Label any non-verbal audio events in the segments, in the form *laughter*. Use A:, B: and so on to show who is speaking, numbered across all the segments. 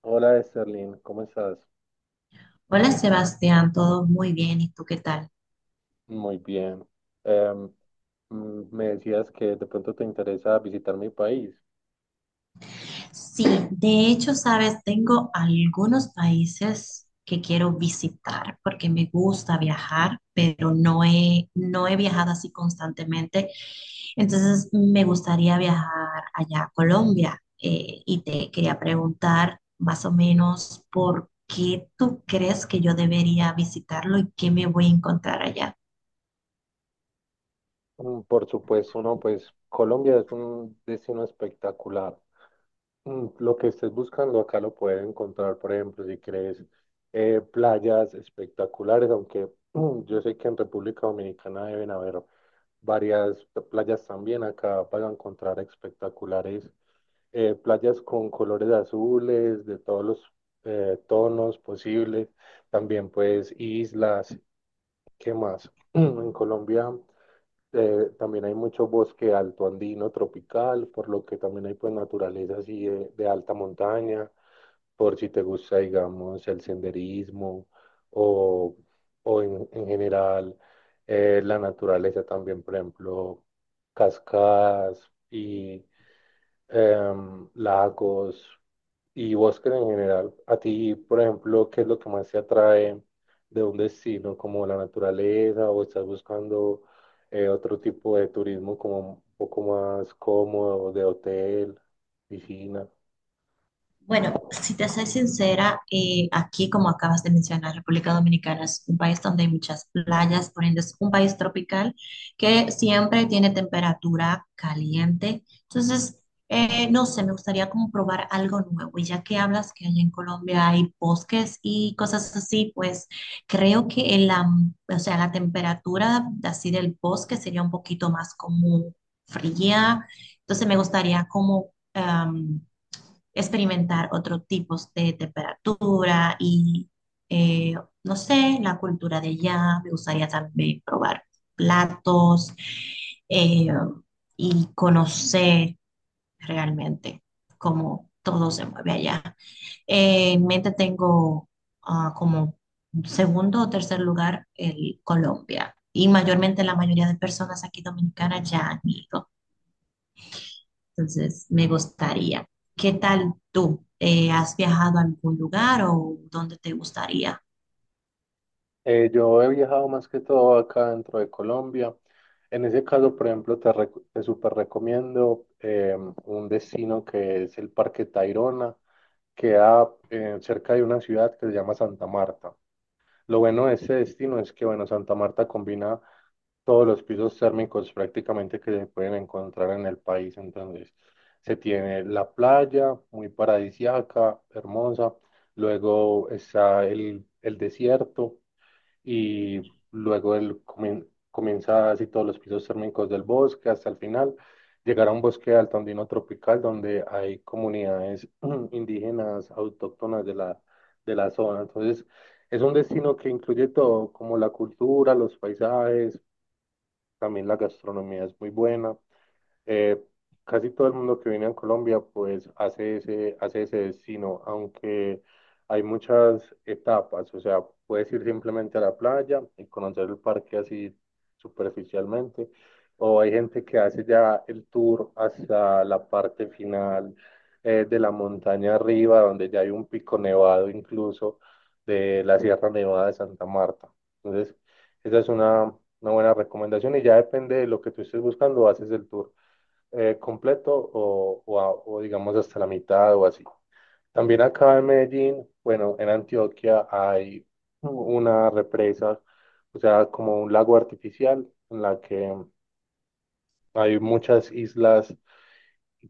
A: Hola, Sterling, ¿cómo estás?
B: Hola, Sebastián, todo muy bien, ¿y tú qué tal?
A: Muy bien. Em, me decías que de pronto te interesa visitar mi país.
B: Sí, de hecho, sabes, tengo algunos países que quiero visitar porque me gusta viajar, pero no he viajado así constantemente. Entonces, me gustaría viajar allá a Colombia y te quería preguntar más o menos por qué tú crees que yo debería visitarlo y qué me voy a encontrar allá.
A: Por supuesto, no, pues Colombia es un destino espectacular. Lo que estés buscando acá lo puedes encontrar, por ejemplo, si quieres playas espectaculares, aunque *clears throat* yo sé que en República Dominicana deben haber varias playas también. Acá vas a encontrar espectaculares playas con colores azules, de todos los tonos posibles, también pues islas. ¿Qué más? *clears throat* En Colombia también hay mucho bosque alto andino tropical, por lo que también hay pues naturaleza así de alta montaña, por si te gusta, digamos, el senderismo o, o en general la naturaleza también, por ejemplo, cascadas y lagos. Y Oscar en general, a ti, por ejemplo, ¿qué es lo que más te atrae de un destino como la naturaleza, o estás buscando otro tipo de turismo, como un poco más cómodo, de hotel, piscina?
B: Bueno, si te soy sincera, aquí, como acabas de mencionar, República Dominicana es un país donde hay muchas playas, por ende es un país tropical que siempre tiene temperatura caliente. Entonces, no sé, me gustaría como probar algo nuevo. Y ya que hablas que allá en Colombia hay bosques y cosas así, pues creo que o sea, la temperatura así del bosque sería un poquito más como fría. Entonces, me gustaría como experimentar otros tipos de temperatura y, eh, no sé, la cultura de allá. Me gustaría también probar platos eh, y conocer realmente cómo todo se mueve allá. En mente tengo como segundo o tercer lugar el Colombia. Y mayormente la mayoría de personas aquí dominicanas ya han ido. Entonces, me gustaría. ¿Qué tal tú? ¿Has viajado a algún lugar o dónde te gustaría?
A: Yo he viajado más que todo acá dentro de Colombia. En ese caso, por ejemplo, te súper recomiendo un destino que es el Parque Tayrona. Queda cerca de una ciudad que se llama Santa Marta. Lo bueno de este destino es que, bueno, Santa Marta combina todos los pisos térmicos prácticamente que se pueden encontrar en el país. Entonces, se tiene la playa, muy paradisiaca, hermosa. Luego está el desierto y luego comienza así todos los pisos térmicos del bosque hasta el final, llegar a un bosque altandino tropical donde hay comunidades *clears throat* indígenas autóctonas de de la zona. Entonces, es un destino que incluye todo, como la cultura, los paisajes, también la gastronomía es muy buena. Eh, casi todo el mundo que viene a Colombia pues hace ese destino, aunque hay muchas etapas, o sea, puedes ir simplemente a la playa y conocer el parque así superficialmente, o hay gente que hace ya el tour hasta la parte final de la montaña arriba, donde ya hay un pico nevado incluso de la Sierra Nevada de Santa Marta. Entonces, esa es una buena recomendación y ya depende de lo que tú estés buscando, haces el tour completo o digamos hasta la mitad o así. También acá en Medellín, bueno, en Antioquia hay una represa, o sea, como un lago artificial en la que hay muchas islas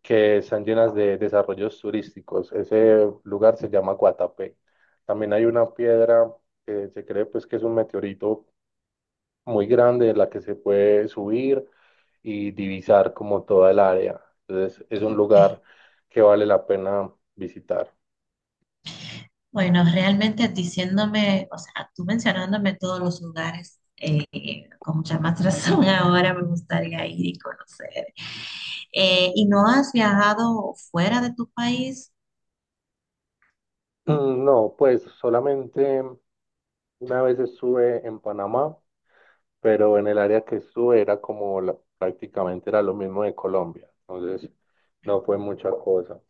A: que están llenas de desarrollos turísticos. Ese lugar se llama Guatapé. También hay una piedra que se cree pues que es un meteorito muy grande, en la que se puede subir y divisar como toda el área. Entonces es un
B: Ok.
A: lugar que vale la pena visitar.
B: Bueno, realmente diciéndome, o sea, tú mencionándome todos los lugares, con mucha más razón *laughs* ahora me gustaría ir y conocer. ¿Y no has viajado fuera de tu país?
A: No, pues solamente una vez estuve en Panamá, pero en el área que estuve era como prácticamente era lo mismo de Colombia. Entonces no fue mucha cosa.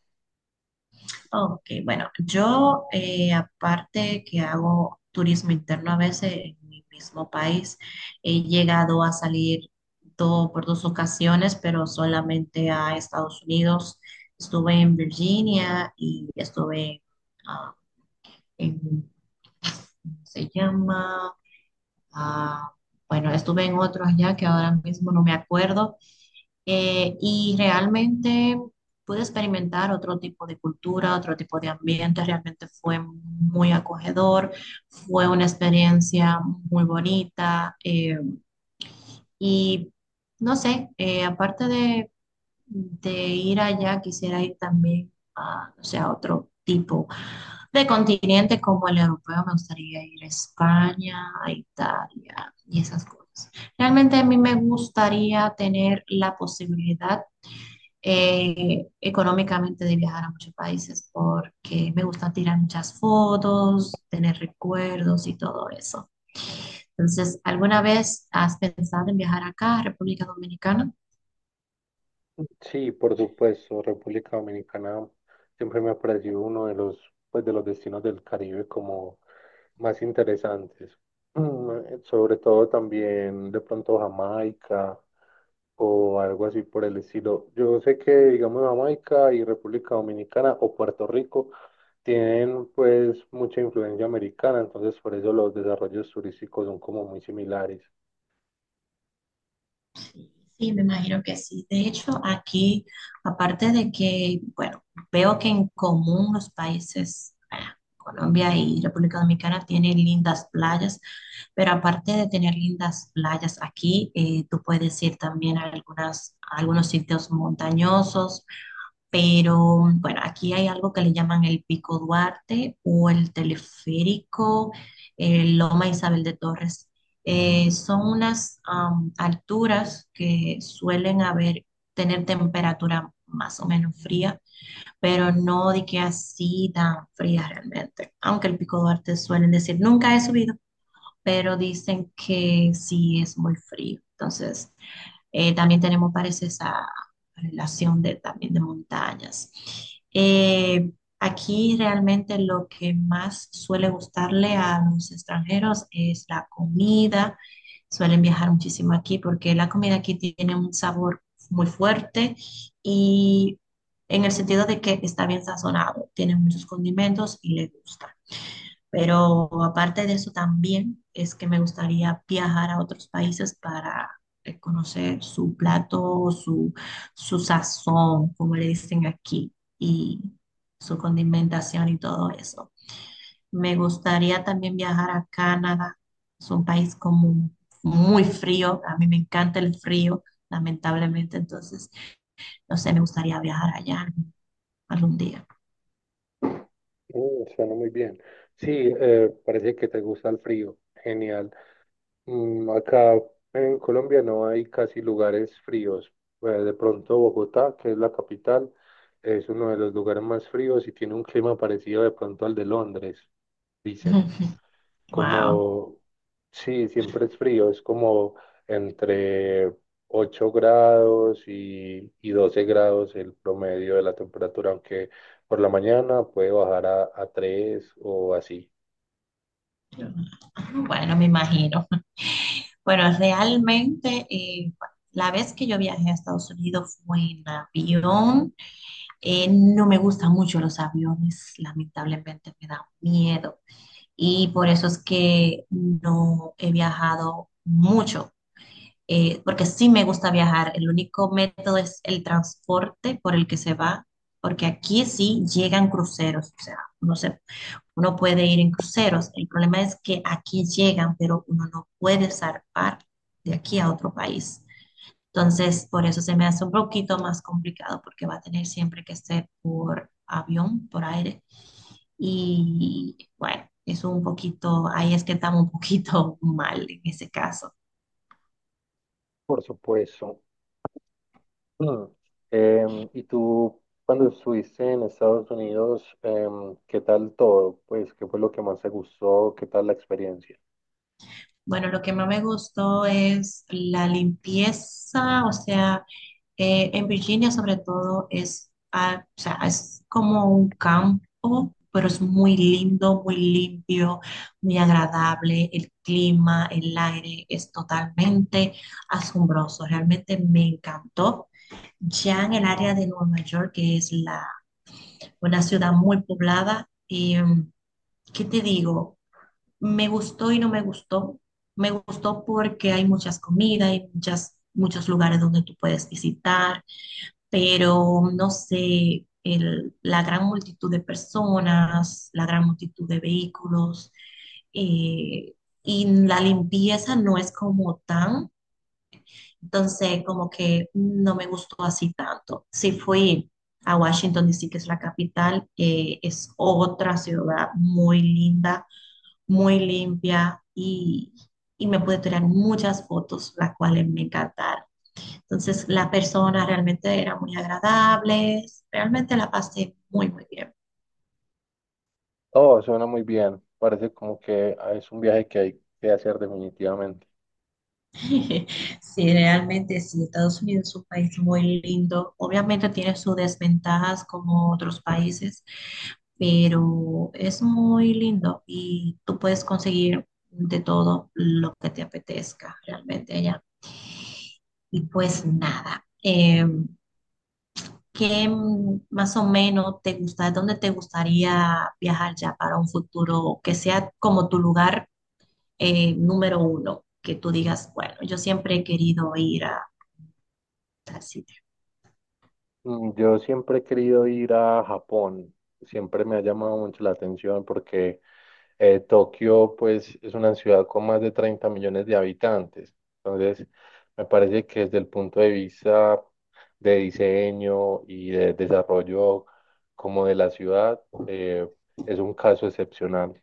B: Ok, bueno, yo aparte que hago turismo interno a veces en mi mismo país, he llegado a salir por dos ocasiones, pero solamente a Estados Unidos. Estuve en Virginia y estuve ah, en, ¿cómo se llama? Ah, bueno, estuve en otro allá que ahora mismo no me acuerdo, y realmente pude experimentar otro tipo de cultura, otro tipo de ambiente, realmente fue muy acogedor, fue una experiencia muy bonita. Y no sé, aparte de ir allá, quisiera ir también a, o sea, a otro tipo de continente como el europeo, me gustaría ir a España, a Italia y esas cosas. Realmente a mí me gustaría tener la posibilidad económicamente de viajar a muchos países porque me gusta tirar muchas fotos, tener recuerdos y todo eso. Entonces, ¿alguna vez has pensado en viajar acá, a República Dominicana?
A: Sí, por supuesto, República Dominicana siempre me ha parecido uno de pues, de los destinos del Caribe como más interesantes. *clears throat* Sobre todo también de pronto Jamaica o algo así por el estilo. Yo sé que, digamos, Jamaica y República Dominicana o Puerto Rico tienen pues mucha influencia americana, entonces por eso los desarrollos turísticos son como muy similares.
B: Sí, me imagino que sí. De hecho, aquí, aparte de que, bueno, veo que en común los países, Colombia y República Dominicana tienen lindas playas, pero aparte de tener lindas playas aquí, tú puedes ir también a, algunas, a algunos sitios montañosos, pero bueno, aquí hay algo que le llaman el Pico Duarte o el teleférico, el Loma Isabel de Torres. Son unas alturas que suelen haber, tener temperatura más o menos fría, pero no de que así tan fría realmente, aunque el Pico Duarte suelen decir, nunca he subido pero dicen que sí es muy frío. Entonces, también tenemos, parece, esa relación de, también de montañas. Eh, Aquí realmente lo que más suele gustarle a los extranjeros es la comida. Suelen viajar muchísimo aquí porque la comida aquí tiene un sabor muy fuerte y en el sentido de que está bien sazonado, tiene muchos condimentos y le gusta. Pero aparte de eso también es que me gustaría viajar a otros países para conocer su plato, su sazón, como le dicen aquí, y su condimentación y todo eso. Me gustaría también viajar a Canadá. Es un país como muy frío. A mí me encanta el frío, lamentablemente. Entonces, no sé, me gustaría viajar allá algún día.
A: Mm, suena muy bien. Sí, parece que te gusta el frío. Genial. Mm, acá en Colombia no hay casi lugares fríos. De pronto Bogotá, que es la capital, es uno de los lugares más fríos y tiene un clima parecido de pronto al de Londres, dicen.
B: *laughs* Wow.
A: Como, sí, siempre es frío, es como entre 8 grados y 12 grados el promedio de la temperatura, aunque por la mañana puede bajar a 3 o así.
B: Bueno, me imagino. Bueno, realmente la vez que yo viajé a Estados Unidos fue en avión. No me gustan mucho los aviones, lamentablemente me da miedo y por eso es que no he viajado mucho, porque sí me gusta viajar. El único método es el transporte por el que se va, porque aquí sí llegan cruceros, o sea, uno puede ir en cruceros. El problema es que aquí llegan, pero uno no puede zarpar de aquí a otro país. Entonces, por eso se me hace un poquito más complicado porque va a tener siempre que ser por avión, por aire. Y bueno, es un poquito, ahí es que estamos un poquito *laughs* mal en ese caso.
A: Por supuesto. Mm. ¿Y tú cuando estuviste en Estados Unidos, qué tal todo? Pues, ¿qué fue lo que más te gustó? ¿Qué tal la experiencia?
B: Bueno, lo que más me gustó es la limpieza, o sea, en Virginia sobre todo es, o sea, es como un campo, pero es muy lindo, muy limpio, muy agradable, el clima, el aire es totalmente asombroso, realmente me encantó. Ya en el área de Nueva York, que es la, una ciudad muy poblada, y, ¿qué te digo? Me gustó y no me gustó. Me gustó porque hay muchas comidas, hay muchas, muchos lugares donde tú puedes visitar, pero no sé, la gran multitud de personas, la gran multitud de vehículos, eh, y la limpieza no es como tan, entonces como que no me gustó así tanto. Si fui a Washington DC, que es la capital, es otra ciudad muy linda, muy limpia, y me pude tirar muchas fotos, las cuales me encantaron. Entonces, la persona realmente era muy agradable, realmente la pasé muy, muy bien.
A: Oh, suena muy bien, parece como que ah, es un viaje que hay que hacer definitivamente.
B: *laughs* Sí, realmente sí, Estados Unidos es un país muy lindo. Obviamente tiene sus desventajas como otros países, pero es muy lindo y tú puedes conseguir de todo lo que te apetezca realmente allá. Y pues nada. ¿Qué más o menos te gusta, dónde te gustaría viajar ya para un futuro que sea como tu lugar número uno? Que tú digas, bueno, yo siempre he querido ir a tal sitio.
A: Mm, yo siempre he querido ir a Japón, siempre me ha llamado mucho la atención porque Tokio pues es una ciudad con más de 30 millones de habitantes, entonces me parece que desde el punto de vista de diseño y de desarrollo como de la ciudad eh, es un caso excepcional,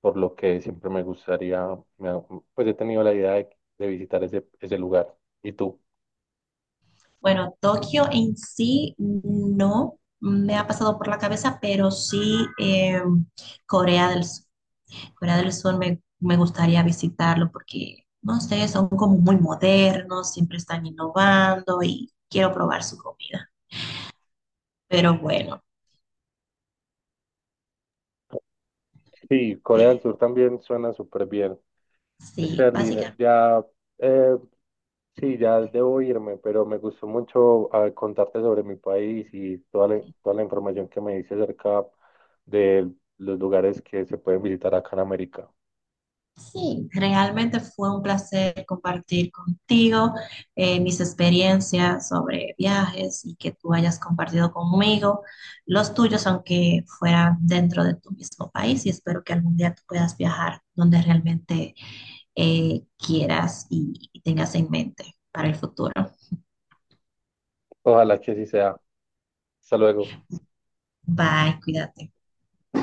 A: por lo que siempre me gustaría, me ha- pues he tenido la idea de visitar ese lugar. ¿Y tú?
B: Bueno, Tokio en sí no me ha pasado por la cabeza, pero sí, Corea del Sur. Me gustaría visitarlo porque, no sé, son como muy modernos, siempre están innovando y quiero probar su comida. Pero bueno.
A: Sí, Corea del
B: eh,
A: Sur también suena súper bien.
B: Sí,
A: Serlina,
B: básicamente,
A: ya, eh, sí, ya debo irme, pero me gustó mucho ah, contarte sobre mi país y toda toda la información que me dice acerca de los lugares que se pueden visitar acá en América.
B: sí, realmente fue un placer compartir contigo, mis experiencias sobre viajes y que tú hayas compartido conmigo los tuyos, aunque fueran dentro de tu mismo país, y espero que algún día tú puedas viajar donde realmente quieras y tengas en mente para el futuro.
A: Ojalá que así sea. Hasta luego.
B: Bye, cuídate.